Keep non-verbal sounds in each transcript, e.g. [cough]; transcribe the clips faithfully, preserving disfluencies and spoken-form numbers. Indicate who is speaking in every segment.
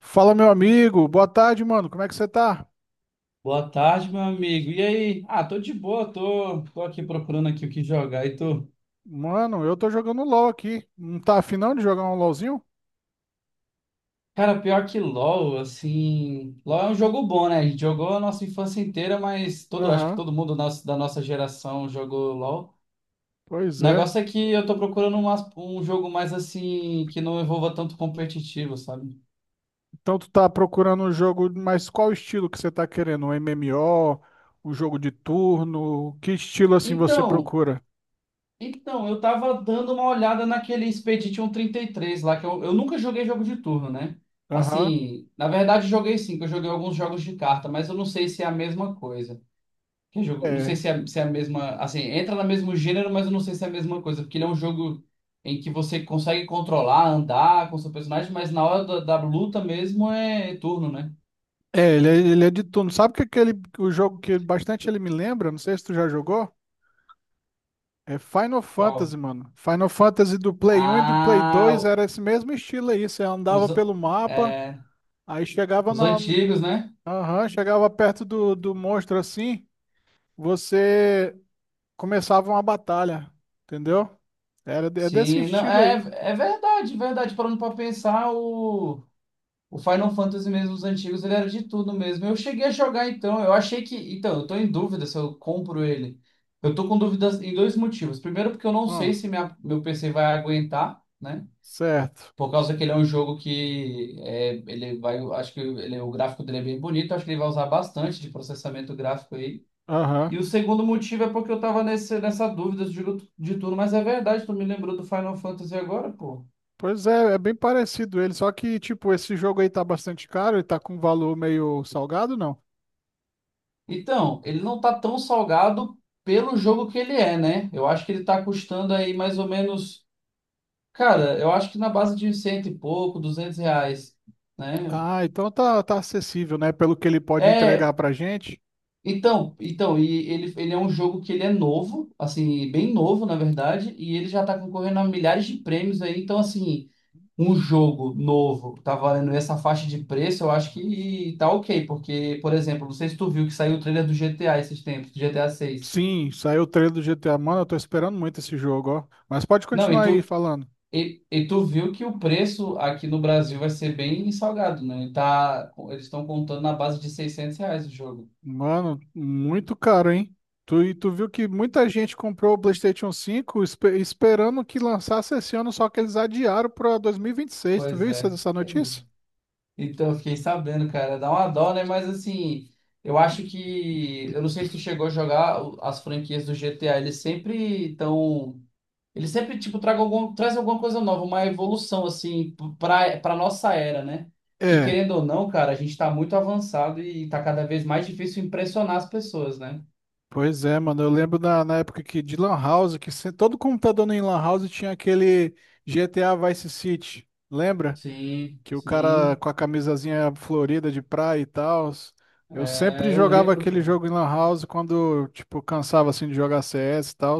Speaker 1: Fala, meu amigo. Boa tarde, mano. Como é que você tá?
Speaker 2: Boa tarde, meu amigo. E aí? Ah, tô de boa, tô, tô aqui procurando aqui o que jogar e tô.
Speaker 1: Mano, eu tô jogando LOL aqui. Não tá afim não de jogar um LOLzinho?
Speaker 2: Cara, pior que LoL, assim. LoL é um jogo bom, né? A gente jogou a nossa infância inteira, mas todo, acho que
Speaker 1: Aham,
Speaker 2: todo mundo nosso- da nossa geração jogou LoL.
Speaker 1: pois
Speaker 2: O
Speaker 1: é.
Speaker 2: negócio é que eu tô procurando umas- um jogo mais assim, que não envolva tanto competitivo, sabe?
Speaker 1: Então tu tá procurando um jogo, mas qual estilo que você tá querendo? Um M M O? Um jogo de turno? Que estilo assim você
Speaker 2: Então,
Speaker 1: procura?
Speaker 2: Então, eu tava dando uma olhada naquele Expedition trinta e três lá, que eu, eu nunca joguei jogo de turno, né?
Speaker 1: Aham,
Speaker 2: Assim, na verdade joguei sim, que eu joguei alguns jogos de carta, mas eu não sei se é a mesma coisa. Que jogo, não sei
Speaker 1: é.
Speaker 2: se é, se é a mesma, assim, entra no mesmo gênero, mas eu não sei se é a mesma coisa, porque ele é um jogo em que você consegue controlar, andar com seu personagem, mas na hora da, da luta mesmo é turno, né?
Speaker 1: É, ele é, ele é de turno. Sabe que aquele, o jogo que bastante ele me lembra? Não sei se tu já jogou. É Final
Speaker 2: Qual?
Speaker 1: Fantasy, mano. Final Fantasy do Play um e do Play
Speaker 2: Ah,
Speaker 1: dois era esse mesmo estilo aí. Você
Speaker 2: os,
Speaker 1: andava pelo mapa.
Speaker 2: é,
Speaker 1: Aí chegava
Speaker 2: os
Speaker 1: na,
Speaker 2: antigos, né?
Speaker 1: aham, chegava perto do, do monstro assim, você começava uma batalha, entendeu? Era, de- é desse
Speaker 2: Sim, não,
Speaker 1: estilo
Speaker 2: é,
Speaker 1: aí.
Speaker 2: é verdade, verdade. Parando pra pensar, o, o Final Fantasy mesmo, os antigos, ele era de tudo mesmo. Eu cheguei a jogar então, eu achei que. Então, eu tô em dúvida se eu compro ele. Eu tô com dúvidas em dois motivos. Primeiro, porque eu não sei
Speaker 1: Ó,
Speaker 2: se minha, meu P C vai aguentar, né?
Speaker 1: certo.
Speaker 2: Por causa que ele é um jogo que é, ele vai, eu acho que ele, o gráfico dele é bem bonito, acho que ele vai usar bastante de processamento gráfico aí.
Speaker 1: Aham.
Speaker 2: E o segundo motivo é porque eu tava nesse, nessa dúvida de, de tudo, mas é verdade, tu me lembrou do Final Fantasy agora, pô.
Speaker 1: Pois é, é bem parecido ele, só que tipo, esse jogo aí tá bastante caro, ele tá com um valor meio salgado, não?
Speaker 2: Então, ele não tá tão salgado pelo jogo que ele é, né? Eu acho que ele tá custando aí mais ou menos. Cara, eu acho que na base de cento e pouco, duzentos reais, né?
Speaker 1: Ah, então tá, tá acessível, né? Pelo que ele pode entregar
Speaker 2: É,
Speaker 1: pra gente.
Speaker 2: então, então, e ele, ele é um jogo que ele é novo, assim, bem novo, na verdade, e ele já tá concorrendo a milhares de prêmios aí, então, assim, um jogo novo tá valendo essa faixa de preço, eu acho que tá ok, porque, por exemplo, não sei se tu viu que saiu o trailer do G T A esses tempos, do G T A seis.
Speaker 1: Sim, saiu o trailer do G T A. Mano, eu tô esperando muito esse jogo, ó. Mas pode
Speaker 2: Não, e
Speaker 1: continuar aí
Speaker 2: tu,
Speaker 1: falando.
Speaker 2: E, e tu viu que o preço aqui no Brasil vai ser bem salgado, né? Ele tá, eles estão contando na base de seiscentos reais o jogo.
Speaker 1: Mano, muito caro, hein? Tu, e tu viu que muita gente comprou o PlayStation cinco espe- esperando que lançasse esse ano, só que eles adiaram para dois mil e e vinte e seis. Tu
Speaker 2: Pois
Speaker 1: viu isso,
Speaker 2: é.
Speaker 1: essa
Speaker 2: eles-
Speaker 1: notícia?
Speaker 2: Então, eu fiquei sabendo, cara. Dá uma dó, né? Mas, assim, eu acho que... Eu não sei se tu chegou a jogar o- as franquias do G T A. Eles sempre estão... Eles sempre, tipo, tragam algum, trazem alguma coisa nova, uma evolução, assim, p- pra, pra nossa era, né? Que,
Speaker 1: É,
Speaker 2: querendo ou não, cara, a gente tá muito avançado e tá cada vez mais difícil impressionar as pessoas, né?
Speaker 1: pois é, mano. Eu lembro na, na época que de Lan House, que se- todo computador em Lan House tinha aquele G T A Vice City. Lembra?
Speaker 2: Sim,
Speaker 1: Que o cara
Speaker 2: sim.
Speaker 1: com a camisazinha florida de praia e tal. Eu sempre
Speaker 2: É, eu
Speaker 1: jogava
Speaker 2: lembro,
Speaker 1: aquele
Speaker 2: pô.
Speaker 1: jogo em Lan House quando, tipo, cansava assim de jogar C S e tal.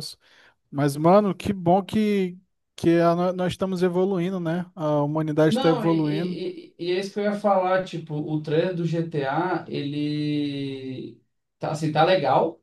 Speaker 1: Mas, mano, que bom que, que a no- nós estamos evoluindo, né? A humanidade está
Speaker 2: Não, e,
Speaker 1: evoluindo.
Speaker 2: e, e e é isso que eu ia falar, tipo, o trailer do G T A, ele tá, assim, tá legal,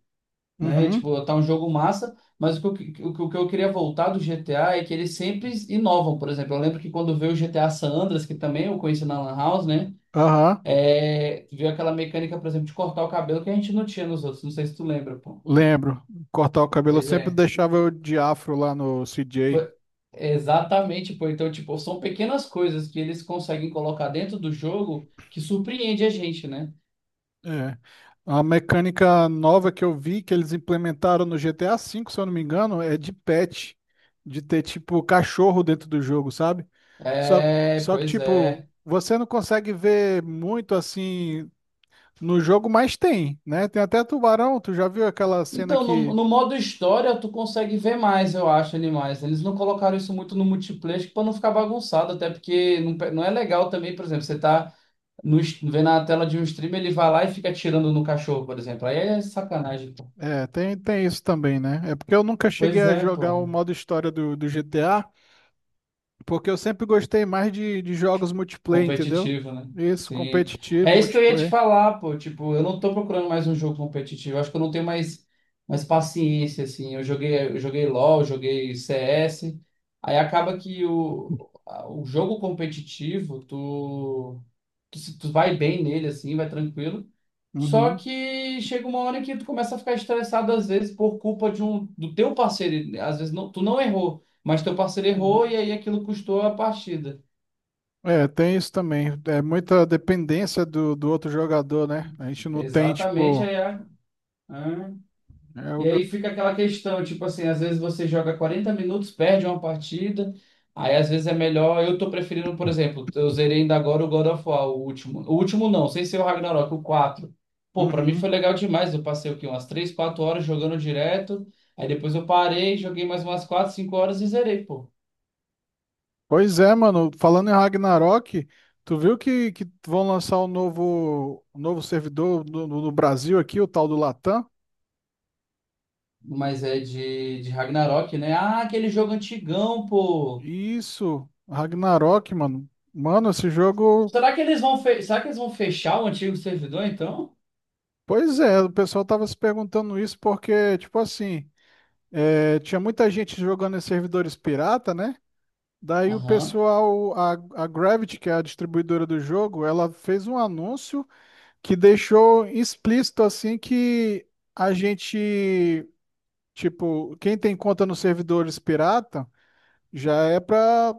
Speaker 2: né?
Speaker 1: Uhum.
Speaker 2: Tipo, tá um jogo massa, mas o que, eu- o, que o que eu queria voltar do G T A é que eles sempre inovam, por exemplo. Eu lembro que quando veio o G T A San Andreas, que também eu conheci na Lan House, né?
Speaker 1: Aham.
Speaker 2: É, veio aquela mecânica, por exemplo, de cortar o cabelo que a gente não tinha nos outros. Não sei se tu lembra, pô.
Speaker 1: Lembro. Cortar o cabelo, eu
Speaker 2: Pois
Speaker 1: sempre
Speaker 2: é.
Speaker 1: deixava eu de afro lá no C J.
Speaker 2: Foi- Exatamente, pô. Então, tipo, são pequenas coisas que eles conseguem colocar dentro do jogo que surpreende a gente, né?
Speaker 1: É. A mecânica nova que eu vi, que eles implementaram no G T A cinco, se eu não me engano, é de pet. De ter, tipo, cachorro dentro do jogo, sabe? Só,
Speaker 2: É,
Speaker 1: só que,
Speaker 2: pois
Speaker 1: tipo,
Speaker 2: é.
Speaker 1: você não consegue ver muito assim. No jogo mais tem, né? Tem até tubarão, tu já viu aquela cena
Speaker 2: Então, no,
Speaker 1: que.
Speaker 2: no modo história, tu consegue ver mais, eu acho, animais. Eles não colocaram isso muito no multiplayer, acho que pra não ficar bagunçado, até porque não, pe- não é legal também, por exemplo, você tá no, es- vendo a tela de um streamer, ele vai lá e fica atirando no cachorro, por exemplo. Aí é sacanagem, pô.
Speaker 1: É, tem, tem isso também, né? É porque eu nunca cheguei
Speaker 2: Pois
Speaker 1: a
Speaker 2: é,
Speaker 1: jogar
Speaker 2: pô.
Speaker 1: o modo história do, do G T A, porque eu sempre gostei mais de, de jogos multiplayer, entendeu?
Speaker 2: Competitivo, né?
Speaker 1: Isso,
Speaker 2: Sim.
Speaker 1: competitivo,
Speaker 2: É isso que eu ia te
Speaker 1: multiplayer.
Speaker 2: falar, pô. Tipo, eu não tô procurando mais um jogo competitivo. Eu acho que eu não tenho mais, mais paciência, assim. Eu joguei, eu joguei LoL, joguei C S. Aí acaba que o, a- o jogo competitivo, tu, tu, se- tu vai bem nele, assim, vai tranquilo. Só
Speaker 1: Uhum,
Speaker 2: que chega uma hora que tu começa a ficar estressado, às vezes, por culpa de um, do teu parceiro. Às vezes não, tu não errou, mas teu parceiro errou
Speaker 1: uhum.
Speaker 2: e aí aquilo custou a partida.
Speaker 1: É, tem isso também. É muita dependência do, do outro jogador, né? A gente não tem,
Speaker 2: Exatamente,
Speaker 1: tipo.
Speaker 2: aí né?
Speaker 1: é,
Speaker 2: E
Speaker 1: eu-
Speaker 2: aí fica aquela questão, tipo assim, às vezes você joga quarenta minutos, perde uma partida, aí às vezes é melhor. Eu tô preferindo, por exemplo, eu zerei ainda agora o God of War, o último. O último não, sem ser o Ragnarok, o quatro. Pô, pra mim foi
Speaker 1: Uhum.
Speaker 2: legal demais. Eu passei o quê? Umas três quatro horas jogando direto. Aí depois eu parei, joguei mais umas quatro cinco horas e zerei, pô.
Speaker 1: Pois é, mano. Falando em Ragnarok, tu viu que, que vão lançar o novo, o novo servidor no, no- no Brasil aqui, o tal do Latam?
Speaker 2: Mas é de, de Ragnarok, né? Ah, aquele jogo antigão, pô.
Speaker 1: Isso, Ragnarok, mano. Mano, esse jogo.
Speaker 2: Será que eles vão, fe... será que eles vão fechar o antigo servidor, então?
Speaker 1: Pois é, o pessoal tava se perguntando isso porque, tipo assim, é, tinha muita gente jogando em servidores pirata, né? Daí o
Speaker 2: Aham.
Speaker 1: pessoal, a, a Gravity, que é a distribuidora do jogo, ela fez um anúncio que deixou explícito assim que a gente tipo, quem tem conta nos servidores pirata já é para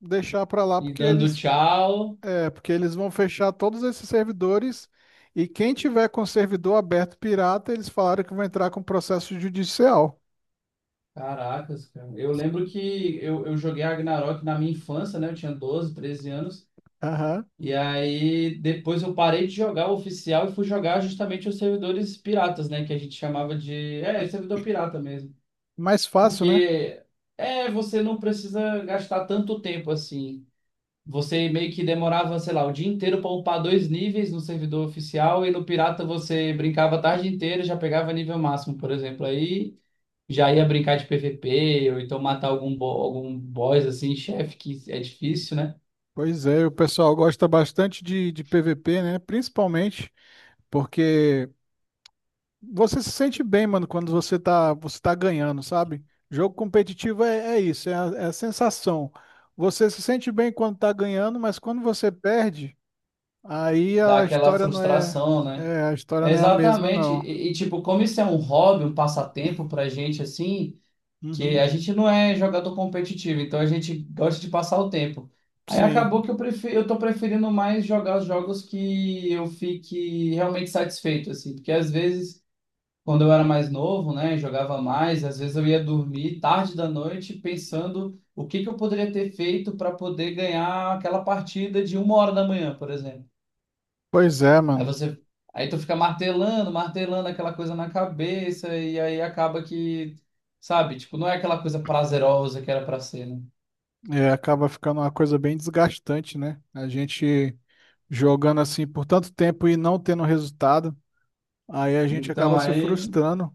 Speaker 1: deixar para lá
Speaker 2: E
Speaker 1: porque
Speaker 2: dando
Speaker 1: eles
Speaker 2: tchau.
Speaker 1: é porque eles vão fechar todos esses servidores e quem tiver com servidor aberto pirata, eles falaram que vão entrar com processo judicial.
Speaker 2: Caracas, cara. Eu lembro que eu, eu joguei Ragnarok na minha infância, né? Eu tinha doze treze anos.
Speaker 1: Aham.
Speaker 2: E aí depois eu parei de jogar o oficial e fui jogar justamente os servidores piratas, né? Que a gente chamava de. É, servidor pirata mesmo.
Speaker 1: Mais fácil, né?
Speaker 2: Porque é, você não precisa gastar tanto tempo assim. Você meio que demorava, sei lá, o dia inteiro para upar dois níveis no servidor oficial e no pirata você brincava a tarde inteira, e já pegava nível máximo, por exemplo. Aí já ia brincar de P V P, ou então matar algum, bo- algum boss, assim, chefe, que é difícil, né?
Speaker 1: Pois é, o pessoal gosta bastante de, de P V P, né? Principalmente porque você se sente bem, mano, quando você tá, você tá ganhando, sabe? Jogo competitivo é, é isso, é a, é a sensação. Você se sente bem quando tá ganhando, mas quando você perde, aí
Speaker 2: Dá
Speaker 1: a
Speaker 2: aquela
Speaker 1: história não é,
Speaker 2: frustração, né?
Speaker 1: é, a história
Speaker 2: É,
Speaker 1: não é a mesma,
Speaker 2: exatamente.
Speaker 1: não.
Speaker 2: E, e, tipo, como isso é um hobby, um passatempo pra gente, assim, que
Speaker 1: Uhum,
Speaker 2: a gente não é jogador competitivo, então a gente gosta de passar o tempo. Aí acabou
Speaker 1: sim.
Speaker 2: que eu prefiro, eu tô preferindo mais jogar os jogos que eu fique realmente satisfeito, assim, porque às vezes, quando eu era mais novo, né, jogava mais, às vezes eu ia dormir tarde da noite pensando o que que eu poderia ter feito para poder ganhar aquela partida de uma hora da manhã, por exemplo.
Speaker 1: Pois é,
Speaker 2: Aí
Speaker 1: mano.
Speaker 2: você, aí tu fica martelando, martelando aquela coisa na cabeça e aí acaba que, sabe, tipo, não é aquela coisa prazerosa que era para ser, né?
Speaker 1: É, acaba ficando uma coisa bem desgastante, né? A gente jogando assim por tanto tempo e não tendo resultado, aí a gente acaba
Speaker 2: Então
Speaker 1: se
Speaker 2: aí,
Speaker 1: frustrando.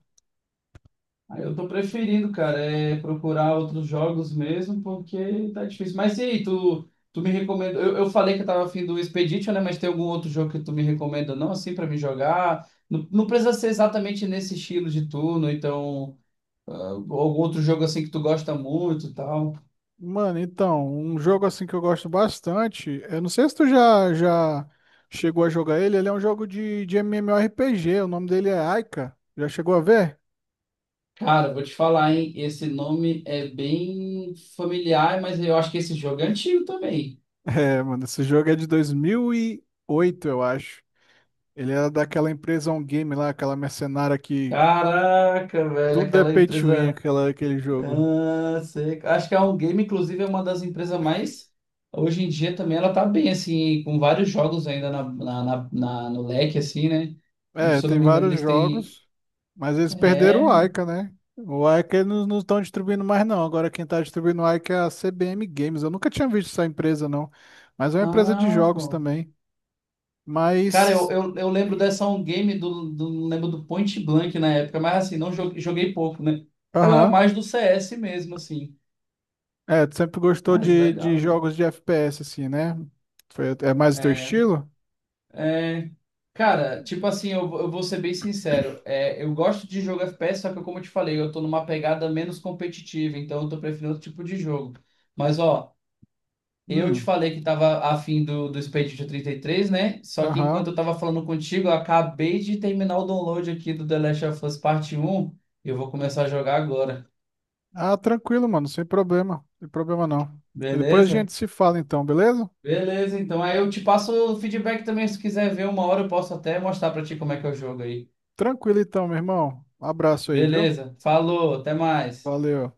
Speaker 2: ah, eu tô preferindo, cara, é procurar outros jogos mesmo, porque tá difícil. Mas e aí, tu, tu me recomenda? Eu, eu falei que eu tava afim do Expedition, né? Mas tem algum outro jogo que tu me recomenda, não, assim, pra me jogar? Não, não precisa ser exatamente nesse estilo de turno, então, ah, algum outro jogo assim que tu gosta muito e tal.
Speaker 1: Mano, então, um jogo assim que eu gosto bastante, eu não sei se tu já, já chegou a jogar ele, ele é um jogo de, de MMORPG, o nome dele é Aika, já chegou a ver? [laughs]
Speaker 2: Cara, vou te falar, hein? Esse nome é bem familiar, mas eu acho que esse jogo é antigo também.
Speaker 1: É, mano, esse jogo é de dois mil e oito, eu acho. Ele era daquela empresa On Game lá, aquela mercenária que
Speaker 2: Caraca, velho,
Speaker 1: tudo é
Speaker 2: aquela
Speaker 1: pay to win,
Speaker 2: empresa.
Speaker 1: aquela, aquele jogo.
Speaker 2: Ah, sei. Acho que a On Game, inclusive, é uma das empresas mais. Hoje em dia também ela tá bem, assim, com vários jogos ainda na, na, na- na- no leque, assim, né?
Speaker 1: É,
Speaker 2: Se eu não
Speaker 1: tem
Speaker 2: me engano,
Speaker 1: vários
Speaker 2: eles têm.
Speaker 1: jogos, mas eles perderam o
Speaker 2: É.
Speaker 1: Aika, né? O Aika eles não estão distribuindo mais, não. Agora quem está distribuindo o Aika é a C B M Games. Eu nunca tinha visto essa empresa, não. Mas é uma empresa de
Speaker 2: Ah,
Speaker 1: jogos
Speaker 2: pô.
Speaker 1: também.
Speaker 2: Cara, eu,
Speaker 1: Mas,
Speaker 2: eu, eu lembro dessa On Game, do, do, lembro do Point Blank na época, mas assim, não joguei, joguei pouco, né? Eu era
Speaker 1: aham.
Speaker 2: mais do C S mesmo, assim.
Speaker 1: É, tu sempre gostou
Speaker 2: Mas
Speaker 1: de, de
Speaker 2: legal, né?
Speaker 1: jogos de F P S, assim, né? Foi- é mais o teu
Speaker 2: É.
Speaker 1: estilo?
Speaker 2: É. Cara, tipo assim, eu, eu vou ser bem sincero. É, eu gosto de jogo F P S, só que como eu te falei, eu tô numa pegada menos competitiva, então eu tô preferindo outro tipo de jogo. Mas ó, eu te
Speaker 1: Hum,
Speaker 2: falei que tava afim do, do Expedition trinta e três, né? Só que
Speaker 1: aham.
Speaker 2: enquanto eu tava falando contigo, eu acabei de terminar o download aqui do The Last of Us Parte Um, e eu vou começar a jogar agora.
Speaker 1: Ah, tranquilo, mano, sem problema. Sem problema, não. E depois a
Speaker 2: Beleza?
Speaker 1: gente se fala, então, beleza?
Speaker 2: Beleza, então aí eu te passo o feedback também, se quiser ver uma hora, eu posso até mostrar pra ti como é que é o jogo aí.
Speaker 1: Tranquilo, então, meu irmão. Um abraço aí, viu?
Speaker 2: Beleza, falou, até mais.
Speaker 1: Valeu.